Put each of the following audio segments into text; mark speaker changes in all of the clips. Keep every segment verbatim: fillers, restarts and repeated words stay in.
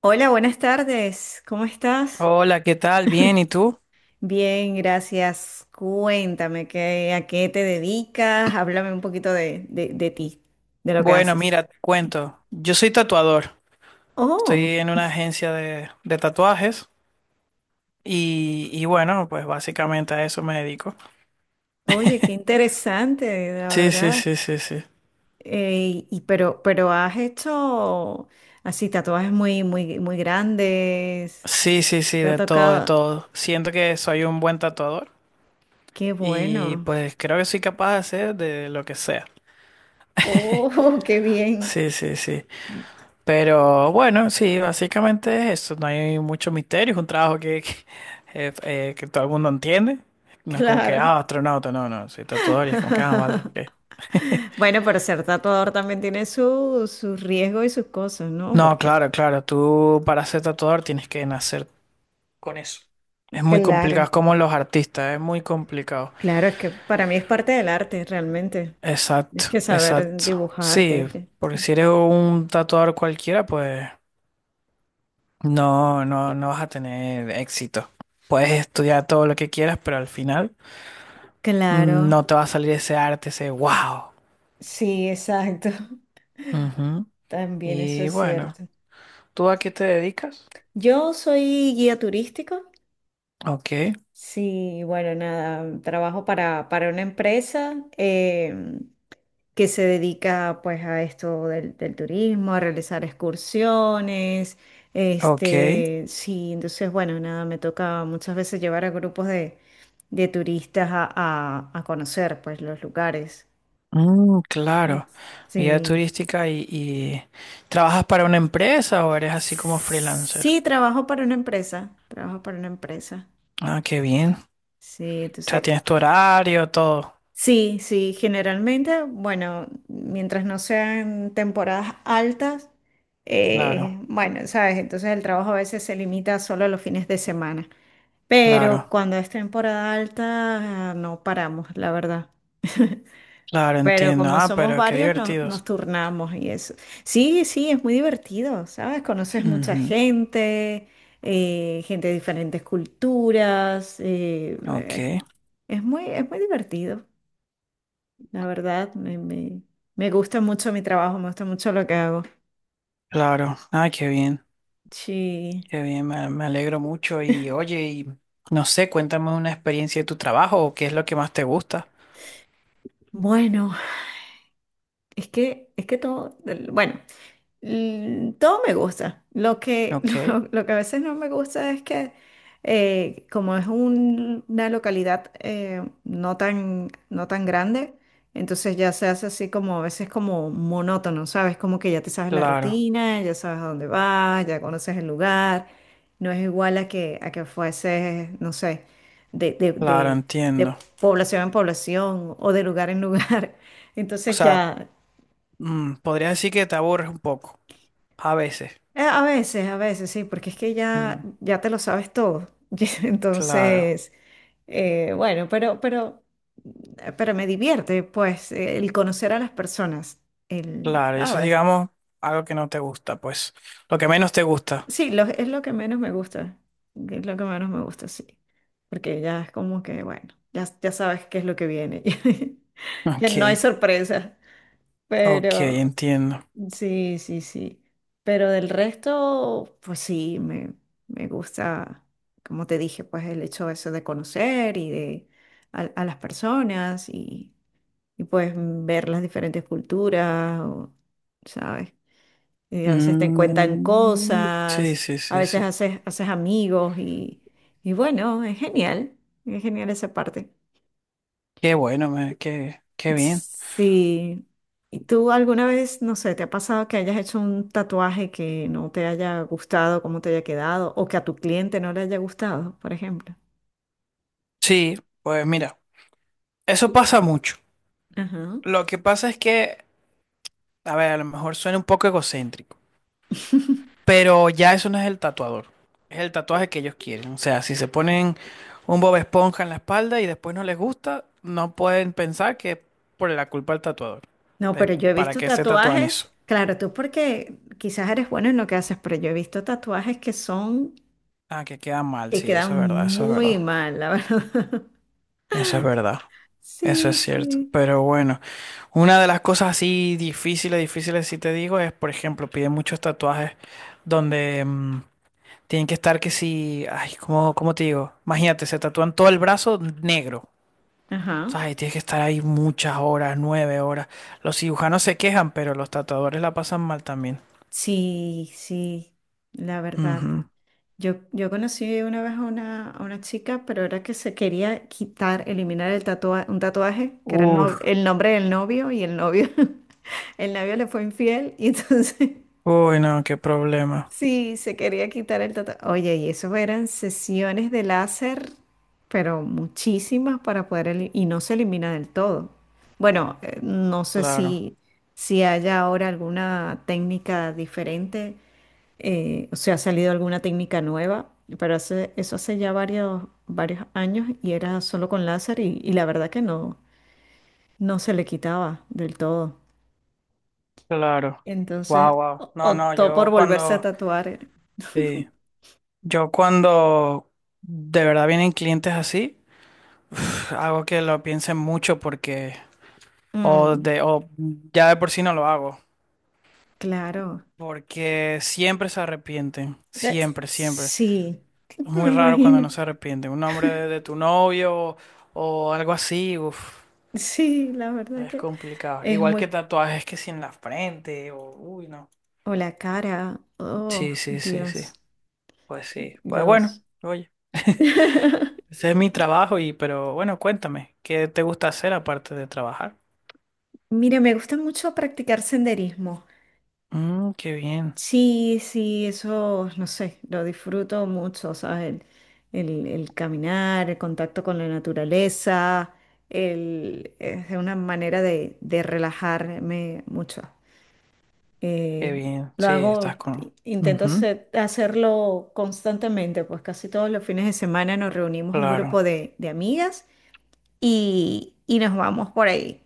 Speaker 1: Hola, buenas tardes. ¿Cómo estás?
Speaker 2: Hola, ¿qué tal? Bien, ¿y tú?
Speaker 1: Bien, gracias. Cuéntame qué, a qué te dedicas. Háblame un poquito de, de, de ti, de lo que
Speaker 2: Bueno,
Speaker 1: haces.
Speaker 2: mira, te cuento. Yo soy tatuador.
Speaker 1: Oh,
Speaker 2: Estoy en una agencia de, de tatuajes y, y bueno, pues básicamente a eso me dedico.
Speaker 1: oye, qué interesante, la
Speaker 2: Sí, sí,
Speaker 1: verdad.
Speaker 2: sí, sí, sí.
Speaker 1: Eh, y pero, pero has hecho así tatuajes muy, muy, muy grandes.
Speaker 2: Sí, sí, sí,
Speaker 1: Te ha
Speaker 2: de todo, de
Speaker 1: tocado.
Speaker 2: todo. Siento que soy un buen tatuador
Speaker 1: Qué
Speaker 2: y
Speaker 1: bueno.
Speaker 2: pues creo que soy capaz de hacer de lo que sea.
Speaker 1: Oh, qué bien.
Speaker 2: Sí, sí, sí. Pero bueno, sí, básicamente es eso, no hay mucho misterio, es un trabajo que, que, eh, eh, que todo el mundo entiende. No es como que,
Speaker 1: Claro.
Speaker 2: ah, astronauta, no, no, soy tatuador y es como que, ah, vale. Ok.
Speaker 1: Bueno, pero ser tatuador también tiene su, su riesgo y sus cosas, ¿no?
Speaker 2: No,
Speaker 1: Porque,
Speaker 2: claro, claro, tú para ser tatuador tienes que nacer con eso. Es muy complicado,
Speaker 1: claro,
Speaker 2: es como los artistas, es muy complicado.
Speaker 1: claro, es que para mí es parte del arte, realmente. Tienes
Speaker 2: Exacto,
Speaker 1: que saber
Speaker 2: exacto.
Speaker 1: dibujar,
Speaker 2: Sí,
Speaker 1: tienes que...
Speaker 2: porque si eres un tatuador cualquiera, pues no, no, no vas a tener éxito. Puedes estudiar todo lo que quieras, pero al final
Speaker 1: Claro,
Speaker 2: no te va a salir ese arte, ese wow.
Speaker 1: sí, exacto.
Speaker 2: Ujú.
Speaker 1: También eso
Speaker 2: Y
Speaker 1: es
Speaker 2: bueno,
Speaker 1: cierto.
Speaker 2: ¿tú a qué te dedicas?
Speaker 1: Yo soy guía turístico.
Speaker 2: Ok,
Speaker 1: Sí, bueno, nada, trabajo para, para una empresa. Em, que se dedica pues a esto del, del turismo, a realizar excursiones,
Speaker 2: ok.
Speaker 1: este, sí, entonces bueno, nada, me toca muchas veces llevar a grupos de, de turistas a, a- a conocer pues los lugares.
Speaker 2: Mm, claro. Guía
Speaker 1: Sí.
Speaker 2: turística y, y ¿trabajas para una empresa o eres así como freelancer?
Speaker 1: Sí, trabajo para una empresa, trabajo para una empresa.
Speaker 2: Ah, qué bien.
Speaker 1: Sí,
Speaker 2: O sea,
Speaker 1: entonces
Speaker 2: tienes tu horario, todo.
Speaker 1: sí, sí, generalmente, bueno, mientras no sean temporadas altas, eh,
Speaker 2: Claro,
Speaker 1: bueno, sabes, entonces el trabajo a veces se limita solo a los fines de semana, pero
Speaker 2: claro,
Speaker 1: cuando es temporada alta no paramos, la verdad.
Speaker 2: claro,
Speaker 1: Pero
Speaker 2: entiendo.
Speaker 1: como
Speaker 2: Ah,
Speaker 1: somos
Speaker 2: pero qué
Speaker 1: varios, nos, nos
Speaker 2: divertidos.
Speaker 1: turnamos y eso. Sí, sí, es muy divertido, ¿sabes? Conoces mucha
Speaker 2: Ujú,
Speaker 1: gente, eh, gente de diferentes culturas, eh, es
Speaker 2: ok,
Speaker 1: es muy, es muy divertido. La verdad, me, me, me gusta mucho mi trabajo, me gusta mucho lo que hago.
Speaker 2: claro. Ah, qué bien.
Speaker 1: Sí.
Speaker 2: Qué bien, me, me alegro mucho y oye, y no sé, cuéntame una experiencia de tu trabajo o qué es lo que más te gusta.
Speaker 1: Bueno, es que, es que todo, bueno. Mm, Todo me gusta. Lo que, lo,
Speaker 2: Ok,
Speaker 1: lo que a veces no me gusta es que eh, como es un- una localidad, eh, no tan, no tan grande, entonces ya se hace así como a veces como monótono, ¿sabes? Como que ya te sabes la
Speaker 2: claro,
Speaker 1: rutina, ya sabes a dónde vas, ya conoces el lugar. No es igual a que, a que fuese, no sé, de, de,
Speaker 2: claro,
Speaker 1: de de
Speaker 2: entiendo.
Speaker 1: población en población o de lugar en lugar.
Speaker 2: O
Speaker 1: Entonces
Speaker 2: sea,
Speaker 1: ya.
Speaker 2: mm, podría decir que te aburres un poco, a veces.
Speaker 1: Eh, A veces, a veces, sí, porque es que ya,
Speaker 2: Mm,
Speaker 1: ya te lo sabes todo. Y
Speaker 2: claro,
Speaker 1: entonces, eh, bueno, pero, pero, pero me divierte, pues, eh, el conocer a las personas. El,
Speaker 2: claro, eso es,
Speaker 1: ¿sabes?
Speaker 2: digamos, algo que no te gusta, pues, lo que menos te gusta.
Speaker 1: Sí, lo- es lo que menos me gusta. Es lo que menos me gusta, sí. Porque ya es como que, bueno, ya, ya sabes qué es lo que viene. Ya no hay
Speaker 2: Ok,
Speaker 1: sorpresa.
Speaker 2: ok,
Speaker 1: Pero.
Speaker 2: entiendo.
Speaker 1: Sí, sí, sí. Pero del resto, pues sí, me, me gusta, como te dije, pues el hecho eso de conocer y de a, a las personas y, y pues ver las diferentes culturas, o, ¿sabes? Y a veces te cuentan
Speaker 2: Mm, sí,
Speaker 1: cosas,
Speaker 2: sí,
Speaker 1: a
Speaker 2: sí,
Speaker 1: veces
Speaker 2: sí.
Speaker 1: haces, haces amigos y, y bueno, es genial, es genial esa parte.
Speaker 2: Qué bueno, me- qué, qué bien.
Speaker 1: Sí. ¿Y tú alguna vez, no sé, te ha pasado que hayas hecho un tatuaje que no te haya gustado, cómo te haya quedado, o que a tu cliente no le haya gustado, por ejemplo?
Speaker 2: Sí, pues mira, eso pasa mucho.
Speaker 1: Ajá.
Speaker 2: Lo que pasa es que, a ver, a lo mejor suena un poco egocéntrico, pero ya eso no es el tatuador, es el tatuaje que ellos quieren. O sea, si se ponen un Bob Esponja en la espalda y después no les gusta, no pueden pensar que es por la culpa del tatuador.
Speaker 1: No,
Speaker 2: Es
Speaker 1: pero yo he
Speaker 2: para
Speaker 1: visto
Speaker 2: que se tatúan eso.
Speaker 1: tatuajes, claro, tú porque quizás eres bueno en lo que haces, pero yo he visto tatuajes que son,
Speaker 2: Ah, que queda mal,
Speaker 1: que
Speaker 2: sí,
Speaker 1: quedan
Speaker 2: eso es verdad, eso es
Speaker 1: muy
Speaker 2: verdad,
Speaker 1: mal, la verdad.
Speaker 2: eso es verdad, eso es
Speaker 1: Sí,
Speaker 2: cierto.
Speaker 1: sí.
Speaker 2: Pero bueno, una de las cosas así difíciles, difíciles, si te digo, es, por ejemplo, piden muchos tatuajes donde mm, tienen que estar que si, ay, ¿cómo, cómo te digo? Imagínate, se tatúan todo el brazo negro.
Speaker 1: Ajá.
Speaker 2: Ay, tienes que estar ahí muchas horas, nueve horas. Los cirujanos se quejan, pero los tatuadores la pasan mal también.
Speaker 1: Sí, sí, la verdad.
Speaker 2: Ujú.
Speaker 1: Yo, yo conocí una vez a una, a una chica, pero era que se quería quitar, eliminar el tatua- un tatuaje, que era el,
Speaker 2: Uf,
Speaker 1: no- el nombre del novio, y el novio, el novio le fue infiel, y entonces
Speaker 2: uy, no, qué problema.
Speaker 1: sí, se quería quitar el tatuaje. Oye, y eso eran sesiones de láser, pero muchísimas para poder, eli- y no se elimina del todo. Bueno, eh, no sé
Speaker 2: Claro,
Speaker 1: si, si haya ahora alguna técnica diferente, eh, o sea, ha salido alguna técnica nueva, pero hace, eso hace ya varios, varios años y era solo con láser y, y la verdad que no, no se le quitaba del todo.
Speaker 2: claro. Wow,
Speaker 1: Entonces
Speaker 2: wow.
Speaker 1: o-
Speaker 2: No, no,
Speaker 1: optó por
Speaker 2: yo
Speaker 1: volverse a
Speaker 2: cuando,
Speaker 1: tatuar.
Speaker 2: sí, yo cuando de verdad vienen clientes así, pf, hago que lo piensen mucho porque, o
Speaker 1: Mm,
Speaker 2: de, o ya de por sí no lo hago.
Speaker 1: claro.
Speaker 2: Porque siempre se arrepienten,
Speaker 1: De-
Speaker 2: siempre, siempre.
Speaker 1: sí,
Speaker 2: Es
Speaker 1: me
Speaker 2: muy raro cuando no
Speaker 1: imagino.
Speaker 2: se arrepienten. Un hombre de, de tu novio o algo así, uf,
Speaker 1: Sí, la verdad
Speaker 2: es
Speaker 1: que
Speaker 2: complicado.
Speaker 1: es
Speaker 2: Igual que
Speaker 1: muy...
Speaker 2: tatuajes que si en la frente o, uy, no.
Speaker 1: O la cara. Oh,
Speaker 2: Sí, sí, sí, sí.
Speaker 1: Dios,
Speaker 2: Pues sí. Pues bueno,
Speaker 1: Dios.
Speaker 2: oye, ese es mi trabajo y, pero bueno, cuéntame, ¿qué te gusta hacer aparte de trabajar?
Speaker 1: Mira, me gusta mucho practicar senderismo.
Speaker 2: Mm, qué bien,
Speaker 1: Sí, sí, eso, no sé, lo disfruto mucho, ¿sabes? El, el- el caminar, el contacto con la naturaleza, el, es una manera de, de relajarme mucho.
Speaker 2: qué
Speaker 1: Eh,
Speaker 2: bien.
Speaker 1: lo
Speaker 2: Sí, estás
Speaker 1: hago,
Speaker 2: con...
Speaker 1: intento
Speaker 2: Ujú,
Speaker 1: hacer- hacerlo constantemente, pues casi todos los fines de semana nos reunimos un grupo
Speaker 2: claro,
Speaker 1: de, de amigas y, y nos vamos por ahí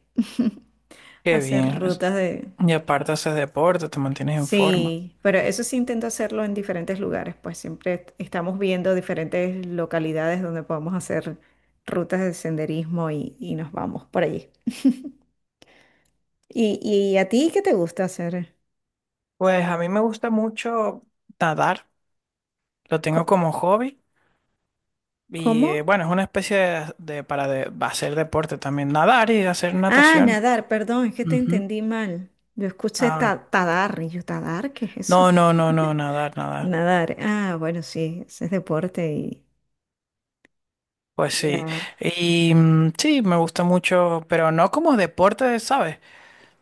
Speaker 1: a
Speaker 2: qué
Speaker 1: hacer
Speaker 2: bien. Es-
Speaker 1: rutas.
Speaker 2: Y aparte haces deporte, te mantienes en forma.
Speaker 1: Sí, pero eso sí intento hacerlo en diferentes lugares, pues siempre est- estamos viendo diferentes localidades donde podemos hacer rutas de senderismo y, y nos vamos por allí. ¿Y, y a ti qué te gusta hacer?
Speaker 2: Pues a mí me gusta mucho nadar, lo tengo
Speaker 1: Co-
Speaker 2: como hobby y eh,
Speaker 1: ¿Cómo?
Speaker 2: bueno, es una especie de, de- para de- hacer deporte también, nadar y hacer
Speaker 1: Ah,
Speaker 2: natación.
Speaker 1: nadar, perdón, es que te
Speaker 2: Ujú.
Speaker 1: entendí mal. Yo escuché
Speaker 2: Ah,
Speaker 1: ta- tadar y yo, ¿tadar? ¿Qué es
Speaker 2: no,
Speaker 1: eso?
Speaker 2: no, no, no, nadar, nadar.
Speaker 1: Nadar. Ah, bueno, sí, ese es deporte y
Speaker 2: Pues sí,
Speaker 1: ya.
Speaker 2: y mm, sí, me gusta mucho, pero no como deporte, ¿sabes?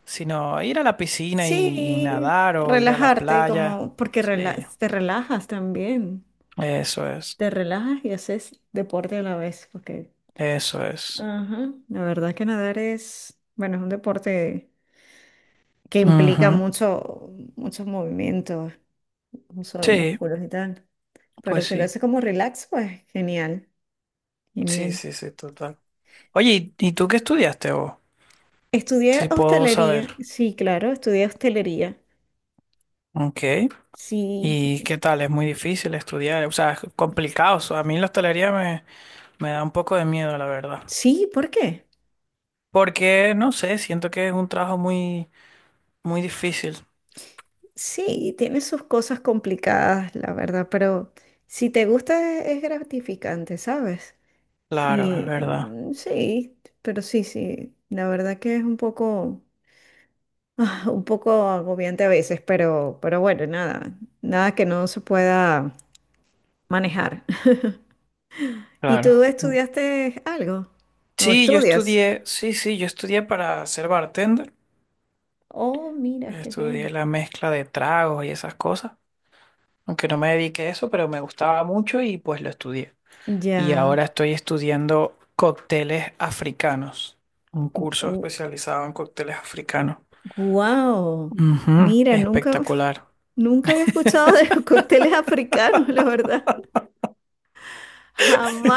Speaker 2: Sino ir a la piscina y, y
Speaker 1: Sí,
Speaker 2: nadar o ir a la
Speaker 1: relajarte
Speaker 2: playa.
Speaker 1: como porque rela-
Speaker 2: Sí,
Speaker 1: te relajas también.
Speaker 2: eso es,
Speaker 1: Te relajas y haces deporte a la vez, porque,
Speaker 2: eso es.
Speaker 1: ajá, la verdad que nadar es, bueno, es un deporte que implica
Speaker 2: Ujú.
Speaker 1: mucho, muchos movimientos, uso de
Speaker 2: Sí,
Speaker 1: músculos y tal. Pero
Speaker 2: pues
Speaker 1: si lo
Speaker 2: sí.
Speaker 1: haces como relax, pues genial,
Speaker 2: Sí,
Speaker 1: genial.
Speaker 2: sí, sí, total. Oye, ¿y y tú qué estudiaste vos?
Speaker 1: Estudié
Speaker 2: Si puedo
Speaker 1: hostelería,
Speaker 2: saber.
Speaker 1: sí, claro, estudié hostelería.
Speaker 2: Ok.
Speaker 1: Sí,
Speaker 2: ¿Y qué tal? Es muy difícil estudiar. O sea, es complicado. O sea, a mí la hostelería me, me da un poco de miedo, la verdad.
Speaker 1: sí, ¿por qué?
Speaker 2: Porque, no sé, siento que es un trabajo muy, muy difícil.
Speaker 1: Sí, tiene sus cosas complicadas, la verdad, pero si te gusta es es gratificante, ¿sabes?
Speaker 2: Claro, es
Speaker 1: Y
Speaker 2: verdad.
Speaker 1: mm, sí, pero sí, sí, la verdad que es un poco, ah, un poco agobiante a veces, pero, pero bueno, nada, nada que no se pueda manejar. ¿Y
Speaker 2: Claro.
Speaker 1: tú
Speaker 2: Mm.
Speaker 1: estudiaste algo? ¿O
Speaker 2: Sí, yo
Speaker 1: estudias?
Speaker 2: estudié, sí, sí, yo estudié para ser bartender.
Speaker 1: Oh, mira, qué bien.
Speaker 2: Estudié la mezcla de tragos y esas cosas. Aunque no me dediqué a eso, pero me gustaba mucho y pues lo estudié. Y
Speaker 1: Ya,
Speaker 2: ahora estoy estudiando cócteles africanos, un curso especializado en cócteles africanos.
Speaker 1: wow.
Speaker 2: Ujú,
Speaker 1: Mira, nunca,
Speaker 2: espectacular.
Speaker 1: nunca había escuchado de los cócteles africanos, la verdad.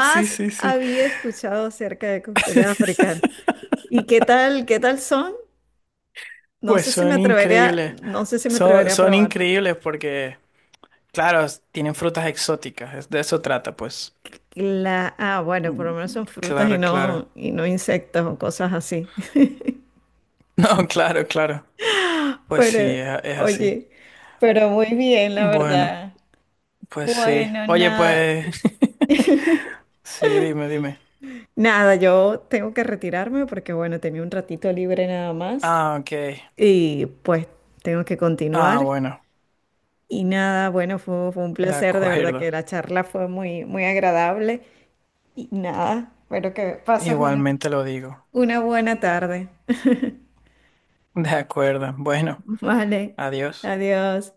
Speaker 2: Sí, sí, sí.
Speaker 1: había escuchado acerca de cócteles africanos. ¿Y qué tal, qué tal son? No
Speaker 2: Pues
Speaker 1: sé si me
Speaker 2: son
Speaker 1: atrevería,
Speaker 2: increíbles.
Speaker 1: no sé si me
Speaker 2: Son,
Speaker 1: atrevería a
Speaker 2: son
Speaker 1: probar.
Speaker 2: increíbles porque, claro, tienen frutas exóticas. es- De eso trata, pues.
Speaker 1: La, ah, bueno, por lo
Speaker 2: Mm,
Speaker 1: menos son frutas y
Speaker 2: claro,
Speaker 1: no,
Speaker 2: claro.
Speaker 1: y no insectos o cosas así.
Speaker 2: No, claro, claro. Pues
Speaker 1: Pero,
Speaker 2: sí, es, es así.
Speaker 1: oye, pero muy bien, la
Speaker 2: Bueno,
Speaker 1: verdad.
Speaker 2: pues sí.
Speaker 1: Bueno,
Speaker 2: Oye,
Speaker 1: nada.
Speaker 2: pues... Sí, dime, dime.
Speaker 1: Nada, yo tengo que retirarme porque, bueno, tenía un ratito libre nada más
Speaker 2: Ah, ok.
Speaker 1: y pues tengo que
Speaker 2: Ah,
Speaker 1: continuar.
Speaker 2: bueno.
Speaker 1: Y nada, bueno, fue, fue un
Speaker 2: De
Speaker 1: placer, de verdad que
Speaker 2: acuerdo.
Speaker 1: la charla fue muy, muy agradable. Y nada, espero que pases una
Speaker 2: Igualmente lo digo.
Speaker 1: Una buena tarde.
Speaker 2: De acuerdo. Bueno,
Speaker 1: Vale,
Speaker 2: adiós.
Speaker 1: adiós.